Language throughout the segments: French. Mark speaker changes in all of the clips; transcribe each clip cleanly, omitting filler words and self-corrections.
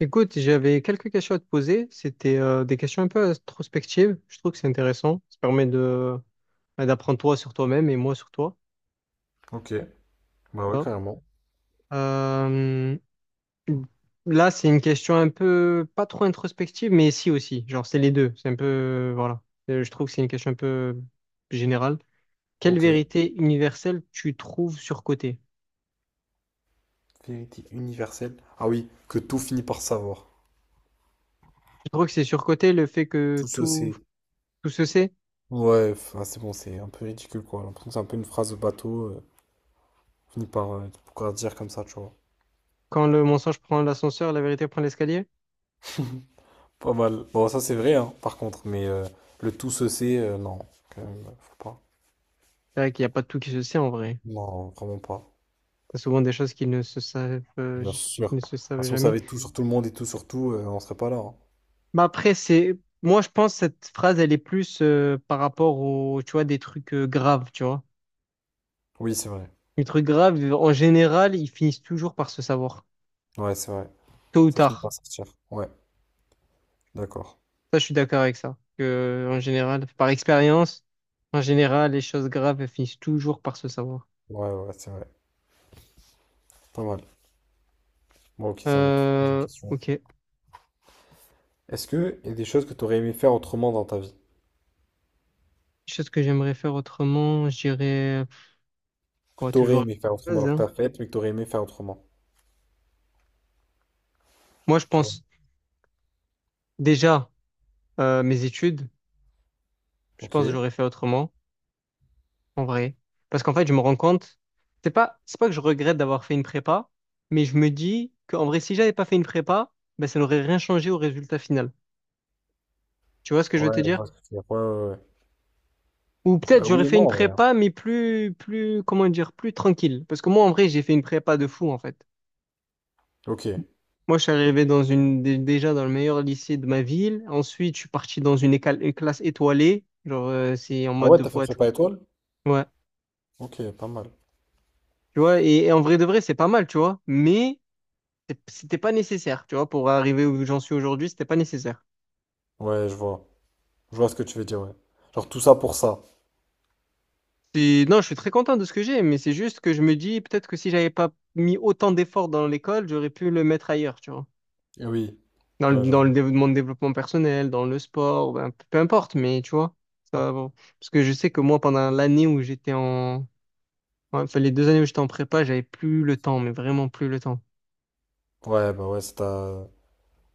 Speaker 1: Écoute, j'avais quelques questions à te poser. C'était des questions un peu introspectives. Je trouve que c'est intéressant. Ça permet de bah, d'apprendre toi sur toi-même et moi sur toi.
Speaker 2: Ok, bah
Speaker 1: Tu
Speaker 2: ouais,
Speaker 1: vois.
Speaker 2: carrément.
Speaker 1: Euh, Là, c'est une question un peu pas trop introspective, mais si aussi. Genre, c'est les deux. C'est un peu voilà. Je trouve que c'est une question un peu générale. Quelle
Speaker 2: Ok,
Speaker 1: vérité universelle tu trouves surcotée?
Speaker 2: vérité universelle. Ah oui, que tout finit par savoir.
Speaker 1: Je trouve que c'est surcoté le fait
Speaker 2: Tout
Speaker 1: que
Speaker 2: se
Speaker 1: tout
Speaker 2: sait.
Speaker 1: tout se sait?
Speaker 2: Ouais, enfin, c'est bon, c'est un peu ridicule quoi. J'ai l'impression que c'est un peu une phrase de bateau. Finit par pourquoi dire comme ça, tu vois.
Speaker 1: Quand le mensonge prend l'ascenseur, la vérité prend l'escalier?
Speaker 2: Pas mal. Bon, ça c'est vrai, hein, par contre, mais le tout se sait, non, quand même, faut pas.
Speaker 1: C'est vrai qu'il n'y a pas tout qui se sait en vrai.
Speaker 2: Non, vraiment pas.
Speaker 1: T'as souvent des choses qui ne se savent, euh,
Speaker 2: Bien
Speaker 1: j-
Speaker 2: sûr.
Speaker 1: ne se
Speaker 2: Ah,
Speaker 1: savent
Speaker 2: si on
Speaker 1: jamais.
Speaker 2: savait tout sur tout le monde et tout sur tout, on serait pas là, hein.
Speaker 1: Mais après, moi, je pense que cette phrase, elle est plus par rapport aux, tu vois, des trucs graves, tu vois.
Speaker 2: Oui, c'est vrai.
Speaker 1: Les trucs graves, en général, ils finissent toujours par se savoir,
Speaker 2: Ouais, c'est vrai.
Speaker 1: tôt ou
Speaker 2: Ça finit par
Speaker 1: tard.
Speaker 2: sortir. Ouais, d'accord.
Speaker 1: Ça, je suis d'accord avec ça. Que, en général, par expérience, en général, les choses graves, elles finissent toujours par se savoir.
Speaker 2: Ouais, ouais, c'est vrai. Pas mal. Bon, ok, ça monte. Pose une question.
Speaker 1: Ok.
Speaker 2: Est-ce que il y a des choses que tu aurais aimé faire autrement dans ta vie?
Speaker 1: Chose que j'aimerais faire autrement, j'irais,
Speaker 2: Que
Speaker 1: on
Speaker 2: tu aurais
Speaker 1: toujours.
Speaker 2: aimé faire
Speaker 1: La même
Speaker 2: autrement,
Speaker 1: chose,
Speaker 2: alors que tu
Speaker 1: hein.
Speaker 2: as fait, mais que tu aurais aimé faire autrement.
Speaker 1: Moi, je
Speaker 2: Tu vois?
Speaker 1: pense déjà mes études. Je
Speaker 2: Ok,
Speaker 1: pense que
Speaker 2: ouais,
Speaker 1: j'aurais fait autrement, en vrai. Parce qu'en fait, je me rends compte, c'est pas que je regrette d'avoir fait une prépa, mais je me dis qu'en vrai, si j'avais pas fait une prépa, ben, ça n'aurait rien changé au résultat final. Tu vois ce que je veux te
Speaker 2: je
Speaker 1: dire?
Speaker 2: vois ce que tu veux dire. Ouais, ouais, ouais.
Speaker 1: Ou peut-être
Speaker 2: Bah
Speaker 1: j'aurais
Speaker 2: oui et
Speaker 1: fait une
Speaker 2: non, en vrai, hein.
Speaker 1: prépa, mais comment dire, plus tranquille. Parce que moi, en vrai, j'ai fait une prépa de fou, en fait.
Speaker 2: Ok.
Speaker 1: Moi, je suis arrivé dans déjà dans le meilleur lycée de ma ville. Ensuite, je suis parti dans une classe étoilée. Genre, c'est en
Speaker 2: Ah
Speaker 1: mode
Speaker 2: ouais,
Speaker 1: de
Speaker 2: t'as
Speaker 1: faut
Speaker 2: fait
Speaker 1: être.
Speaker 2: prépa étoile?
Speaker 1: Ouais.
Speaker 2: Ok, pas mal.
Speaker 1: Tu vois, et en vrai de vrai, c'est pas mal, tu vois. Mais c'était pas nécessaire, tu vois, pour arriver où j'en suis aujourd'hui, c'était pas nécessaire.
Speaker 2: Ouais, je vois. Je vois ce que tu veux dire, ouais. Genre tout ça pour ça.
Speaker 1: Non, je suis très content de ce que j'ai, mais c'est juste que je me dis peut-être que si j'avais pas mis autant d'efforts dans l'école, j'aurais pu le mettre ailleurs, tu vois.
Speaker 2: Eh oui.
Speaker 1: Dans
Speaker 2: Ouais,
Speaker 1: le, dans le
Speaker 2: j'avoue.
Speaker 1: dév- mon développement personnel, dans le sport, ben, peu importe, mais tu vois, ça, bon. Parce que je sais que moi, pendant l'année où j'étais en, ouais, enfin, les 2 années où j'étais en prépa, j'avais plus le temps, mais vraiment plus le temps.
Speaker 2: Ouais, bah ouais, ça t'a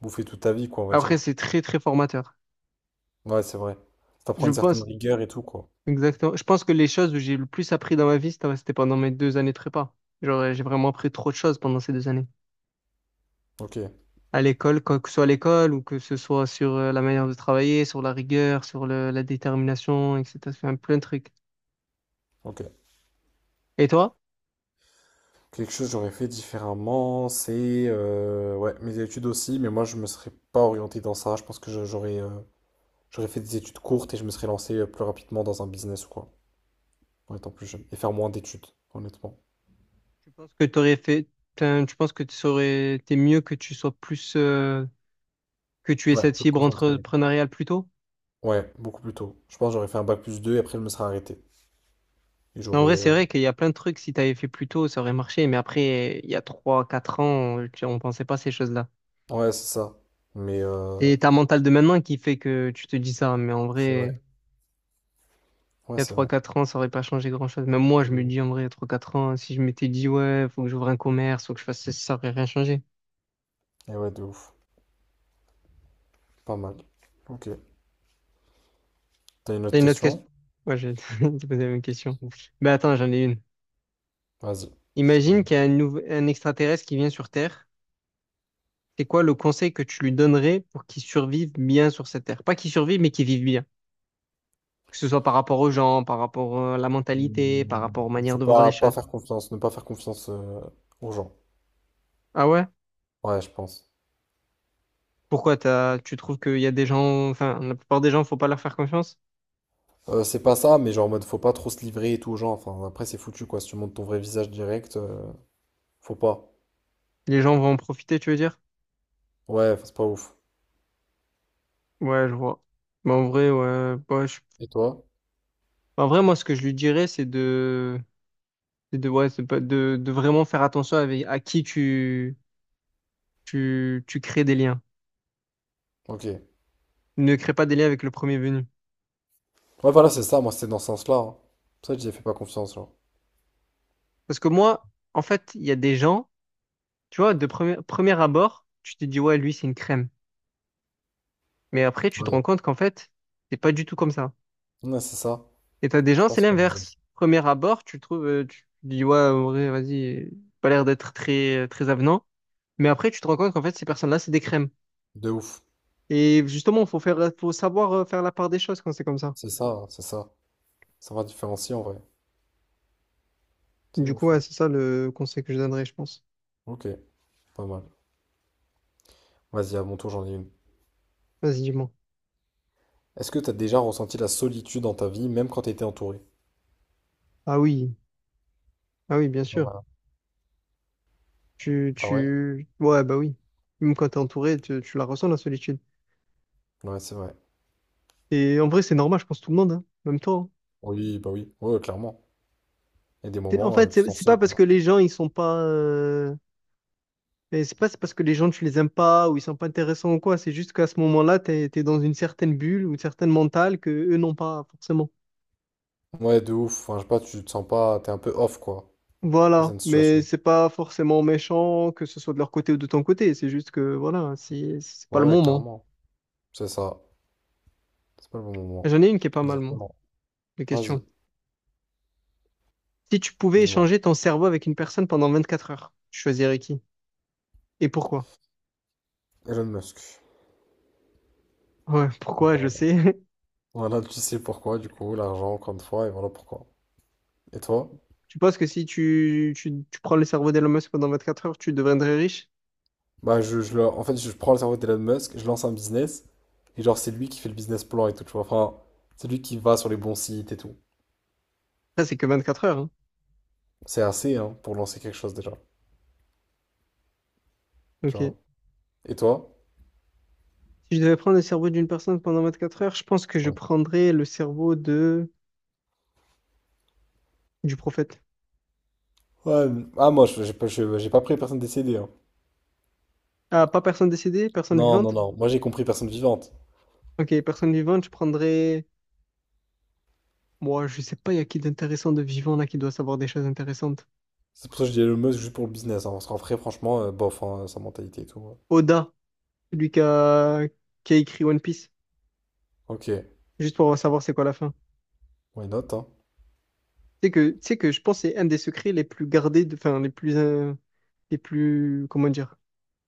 Speaker 2: bouffé toute ta vie, quoi, on va
Speaker 1: Après,
Speaker 2: dire.
Speaker 1: c'est très, très formateur.
Speaker 2: Ouais, c'est vrai. Ça t'apprend
Speaker 1: Je
Speaker 2: une certaine
Speaker 1: pense,
Speaker 2: rigueur et tout, quoi.
Speaker 1: exactement. Je pense que les choses où j'ai le plus appris dans ma vie, c'était pendant mes 2 années de prépa. Genre, j'ai vraiment appris trop de choses pendant ces 2 années.
Speaker 2: Ok,
Speaker 1: À l'école, quoi que ce soit à l'école, ou que ce soit sur la manière de travailler, sur la rigueur, sur la détermination, etc. Enfin, plein de trucs.
Speaker 2: ok.
Speaker 1: Et toi?
Speaker 2: Quelque chose que j'aurais fait différemment, c'est ouais, mes études aussi, mais moi je me serais pas orienté dans ça. Je pense que j'aurais fait des études courtes et je me serais lancé plus rapidement dans un business ou quoi, en étant plus jeune. Et faire moins d'études, honnêtement.
Speaker 1: Tu penses que t'aurais fait, enfin, tu penses que tu serais, t'es mieux que tu sois plus, que tu aies
Speaker 2: Ouais,
Speaker 1: cette
Speaker 2: plus
Speaker 1: fibre
Speaker 2: concentré.
Speaker 1: entrepreneuriale plus tôt?
Speaker 2: Ouais, beaucoup plus tôt. Je pense que j'aurais fait un bac plus 2 et après je me serais arrêté. Et
Speaker 1: En
Speaker 2: j'aurais.
Speaker 1: vrai, c'est vrai qu'il y a plein de trucs, si t'avais fait plus tôt, ça aurait marché, mais après, il y a trois, quatre ans, on pensait pas à ces choses-là.
Speaker 2: Ouais, c'est ça. Mais euh,
Speaker 1: Et t'as un mental de maintenant qui fait que tu te dis ça, mais en
Speaker 2: c'est
Speaker 1: vrai,
Speaker 2: vrai. Ouais,
Speaker 1: il y a
Speaker 2: c'est
Speaker 1: trois
Speaker 2: vrai.
Speaker 1: quatre ans, ça aurait pas changé grand-chose. Même moi,
Speaker 2: De
Speaker 1: je me
Speaker 2: ouf.
Speaker 1: dis en vrai, il y a trois quatre ans, si je m'étais dit, ouais, faut que j'ouvre un commerce, faut que je fasse ça, ça aurait rien changé.
Speaker 2: Et ouais, de ouf. Pas mal. Ok. T'as une
Speaker 1: T'as
Speaker 2: autre
Speaker 1: une autre question?
Speaker 2: question?
Speaker 1: Ouais, j'ai posé la même question. Mais attends, j'en ai une.
Speaker 2: Vas-y. Je-
Speaker 1: Imagine
Speaker 2: je-
Speaker 1: qu'il y a un extraterrestre qui vient sur Terre. C'est quoi le conseil que tu lui donnerais pour qu'il survive bien sur cette Terre? Pas qu'il survive, mais qu'il vive bien. Que ce soit par rapport aux gens, par rapport à la mentalité, par rapport aux
Speaker 2: Mmh,
Speaker 1: manières
Speaker 2: Faut
Speaker 1: de voir
Speaker 2: pas,
Speaker 1: les choses.
Speaker 2: faire confiance, ne pas faire confiance aux gens.
Speaker 1: Ah ouais?
Speaker 2: Ouais, je pense.
Speaker 1: Pourquoi tu trouves qu'il y a des gens, enfin, la plupart des gens, faut pas leur faire confiance?
Speaker 2: C'est pas ça, mais genre en mode faut pas trop se livrer et tout aux gens. Enfin, après, c'est foutu quoi. Si tu montres ton vrai visage direct, faut pas.
Speaker 1: Les gens vont en profiter, tu veux dire?
Speaker 2: Ouais, enfin, c'est pas ouf.
Speaker 1: Ouais, je vois. Mais en vrai, ouais, ouais,
Speaker 2: Et toi?
Speaker 1: bah, en vrai, moi, ce que je lui dirais, c'est de, ouais, c'est pas- de vraiment faire attention avec à qui tu crées des liens.
Speaker 2: Ok, ouais,
Speaker 1: Ne crée pas des liens avec le premier venu.
Speaker 2: voilà, c'est ça. Moi, c'était dans ce sens-là, hein. C'est pour ça que j'y ai fait pas confiance, genre.
Speaker 1: Parce que moi, en fait, il y a des gens, tu vois, de premier abord, tu te dis, ouais, lui, c'est une crème. Mais après, tu te
Speaker 2: Ouais.
Speaker 1: rends compte qu'en fait, c'est pas du tout comme ça.
Speaker 2: Ouais, c'est ça.
Speaker 1: Et t'as des
Speaker 2: C'est
Speaker 1: gens,
Speaker 2: pas
Speaker 1: c'est
Speaker 2: sur le
Speaker 1: l'inverse.
Speaker 2: visage.
Speaker 1: Premier abord, tu trouves, tu dis, ouais, en vrai, vas-y, pas l'air d'être très, très avenant. Mais après, tu te rends compte qu'en fait, ces personnes-là, c'est des crèmes.
Speaker 2: De ouf.
Speaker 1: Et justement, faut savoir faire la part des choses quand c'est comme ça.
Speaker 2: C'est ça, hein, c'est ça. Ça va différencier en vrai. C'est
Speaker 1: Du coup,
Speaker 2: ouf,
Speaker 1: ouais,
Speaker 2: hein.
Speaker 1: c'est ça le conseil que je donnerais, je pense.
Speaker 2: Ok, pas mal. Vas-y, à mon tour, j'en ai une.
Speaker 1: Vas-y, dis-moi.
Speaker 2: Est-ce que t'as déjà ressenti la solitude dans ta vie, même quand t'étais entouré?
Speaker 1: Ah oui, ah oui, bien
Speaker 2: Pas
Speaker 1: sûr.
Speaker 2: mal, hein.
Speaker 1: Tu,
Speaker 2: Ah ouais?
Speaker 1: tu, ouais, bah oui. Même quand t'es entouré, tu la ressens, la solitude.
Speaker 2: Ouais, c'est vrai.
Speaker 1: Et en vrai, c'est normal, je pense, tout le monde, hein. Même toi, hein.
Speaker 2: Oui, bah oui. Ouais, ouais, clairement. Il y a des
Speaker 1: En
Speaker 2: moments,
Speaker 1: fait,
Speaker 2: tu te
Speaker 1: c'est
Speaker 2: sens
Speaker 1: c'est pas
Speaker 2: seul,
Speaker 1: parce
Speaker 2: quoi.
Speaker 1: que les gens, ils sont pas. Mais c'est pas c'est parce que les gens, tu les aimes pas ou ils sont pas intéressants ou quoi. C'est juste qu'à ce moment-là, t'es dans une certaine bulle ou une certaine mentale que eux n'ont pas forcément.
Speaker 2: Ouais, de ouf. Enfin, je sais pas, tu te sens pas, t'es un peu off, quoi, face à
Speaker 1: Voilà.
Speaker 2: une
Speaker 1: Mais
Speaker 2: situation.
Speaker 1: c'est pas forcément méchant, que ce soit de leur côté ou de ton côté. C'est juste que, voilà, si, c'est pas le
Speaker 2: Ouais,
Speaker 1: moment.
Speaker 2: clairement. C'est ça. C'est pas le bon moment.
Speaker 1: J'en ai une qui est pas mal, moi,
Speaker 2: Exactement.
Speaker 1: de question.
Speaker 2: Vas-y,
Speaker 1: Si tu pouvais
Speaker 2: dis-moi.
Speaker 1: échanger ton cerveau avec une personne pendant 24 heures, tu choisirais qui? Et pourquoi?
Speaker 2: Elon Musk.
Speaker 1: Ouais, pourquoi, je
Speaker 2: Voilà.
Speaker 1: sais.
Speaker 2: Voilà, tu sais pourquoi, du coup, l'argent, encore une fois, et voilà pourquoi. Et toi?
Speaker 1: Tu penses que si tu prends le cerveau d'Elon Musk pendant 24 heures, tu deviendrais riche?
Speaker 2: Bah, en fait, je prends le cerveau d'Elon Musk, je lance un business, et genre, c'est lui qui fait le business plan et tout, tu vois. Enfin, c'est lui qui va sur les bons sites et tout.
Speaker 1: Ça, c'est que 24 heures, hein.
Speaker 2: C'est assez, hein, pour lancer quelque chose déjà, tu
Speaker 1: Ok.
Speaker 2: vois. Et toi?
Speaker 1: Si je devais prendre le cerveau d'une personne pendant 24 heures, je pense que je prendrais le cerveau de du prophète.
Speaker 2: Ouais, ah j'ai pas, j'ai pas pris personne décédée, hein.
Speaker 1: Ah, pas personne décédée, personne
Speaker 2: Non, non,
Speaker 1: vivante?
Speaker 2: non, moi j'ai compris personne vivante.
Speaker 1: Ok, personne vivante, je prendrais. Moi, je sais pas, il y a qui d'intéressant de vivant là qui doit savoir des choses intéressantes.
Speaker 2: C'est pour ça que je dis Elon Musk juste pour le business, hein, parce qu'en vrai franchement, bof, hein, sa mentalité et tout, ouais.
Speaker 1: Oda, celui qui a écrit One Piece,
Speaker 2: Ok,
Speaker 1: juste pour savoir c'est quoi la fin.
Speaker 2: why not, hein.
Speaker 1: Tu sais que je pense que c'est un des secrets les plus gardés, enfin les plus, les plus, comment dire?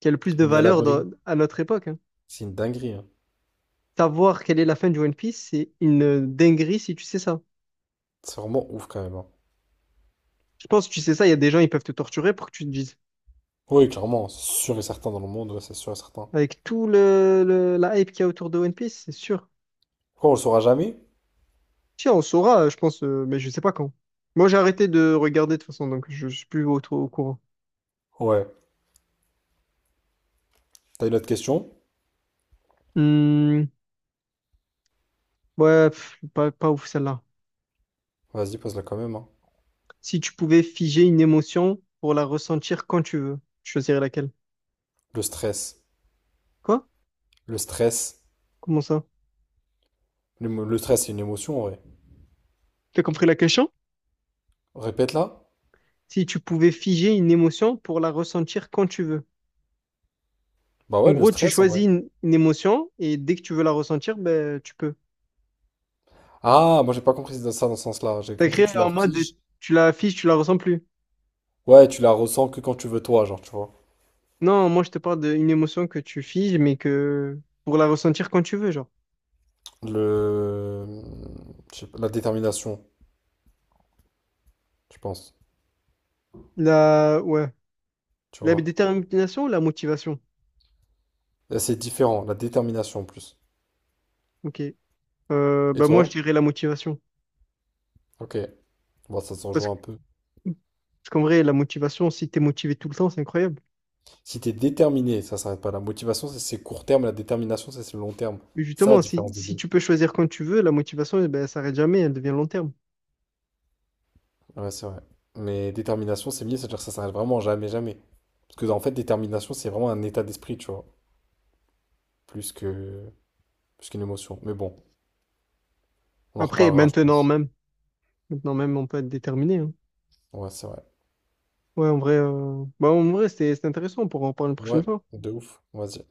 Speaker 1: Qui a le plus de
Speaker 2: Mis à
Speaker 1: valeur
Speaker 2: l'abri,
Speaker 1: à notre époque, hein.
Speaker 2: c'est une dinguerie, hein.
Speaker 1: Savoir quelle est la fin du One Piece, c'est une dinguerie si tu sais ça.
Speaker 2: C'est vraiment ouf quand même, hein.
Speaker 1: Je pense, tu sais ça, il y a des gens, ils peuvent te torturer pour que tu te dises.
Speaker 2: Oui, clairement, c'est sûr et certain dans le monde, ouais, c'est sûr et certain.
Speaker 1: Avec tout la hype qu'il y a autour de One Piece, c'est sûr.
Speaker 2: Pourquoi on le saura jamais?
Speaker 1: Tiens, on saura, je pense, mais je sais pas quand. Moi, j'ai arrêté de regarder de toute façon, donc je suis plus au courant.
Speaker 2: Ouais. T'as une autre question?
Speaker 1: Hmm, ouais, pff, pas ouf celle-là.
Speaker 2: Vas-y, pose-la quand même, hein.
Speaker 1: Si tu pouvais figer une émotion pour la ressentir quand tu veux, tu choisirais laquelle?
Speaker 2: Le stress.
Speaker 1: Quoi?
Speaker 2: Le stress.
Speaker 1: Comment ça?
Speaker 2: Le stress, c'est une émotion en vrai.
Speaker 1: T'as compris la question?
Speaker 2: Répète-la.
Speaker 1: Si tu pouvais figer une émotion pour la ressentir quand tu veux.
Speaker 2: Bah
Speaker 1: En
Speaker 2: ouais, le
Speaker 1: gros, tu
Speaker 2: stress en vrai.
Speaker 1: choisis une émotion et dès que tu veux la ressentir, ben, tu peux.
Speaker 2: Ah, moi j'ai pas compris ça dans ce sens-là. J'ai
Speaker 1: T'as
Speaker 2: compris,
Speaker 1: créé
Speaker 2: tu
Speaker 1: en mode
Speaker 2: l'affiches.
Speaker 1: tu la figes, tu la ressens plus.
Speaker 2: Ouais, tu la ressens que quand tu veux toi, genre, tu vois.
Speaker 1: Non, moi je te parle d'une émotion que tu figes, mais que pour la ressentir quand tu veux, genre.
Speaker 2: Le... je sais pas, la détermination, je pense,
Speaker 1: La, ouais.
Speaker 2: tu
Speaker 1: La
Speaker 2: vois.
Speaker 1: détermination ou la motivation?
Speaker 2: Là, c'est différent, la détermination en plus.
Speaker 1: Ok. Euh,
Speaker 2: Et
Speaker 1: bah moi je
Speaker 2: toi?
Speaker 1: dirais la motivation.
Speaker 2: Ok, bon, ça s'en joue
Speaker 1: Parce que,
Speaker 2: un peu.
Speaker 1: parce qu'en vrai, la motivation, si t'es motivé tout le temps, c'est incroyable.
Speaker 2: Si t'es déterminé, ça s'arrête pas. La motivation, c'est court terme, la détermination, ça c'est le long terme.
Speaker 1: Mais
Speaker 2: Ça, la
Speaker 1: justement, si,
Speaker 2: différence des
Speaker 1: si
Speaker 2: deux.
Speaker 1: tu peux choisir quand tu veux, la motivation, eh ben, elle s'arrête jamais, elle devient long terme.
Speaker 2: Ouais, c'est vrai. Mais détermination, c'est mieux, c'est-à-dire que ça s'arrête vraiment jamais, jamais. Parce que, en fait, détermination, c'est vraiment un état d'esprit, tu vois, plus que... plus qu'une émotion. Mais bon, on en
Speaker 1: Après,
Speaker 2: reparlera, je
Speaker 1: maintenant
Speaker 2: pense.
Speaker 1: même, maintenant même, on peut être déterminé, hein.
Speaker 2: Ouais, c'est vrai.
Speaker 1: Ouais, en vrai, bah, en vrai, c'était intéressant, on pourra en parler une prochaine
Speaker 2: Ouais,
Speaker 1: fois.
Speaker 2: de ouf, vas-y.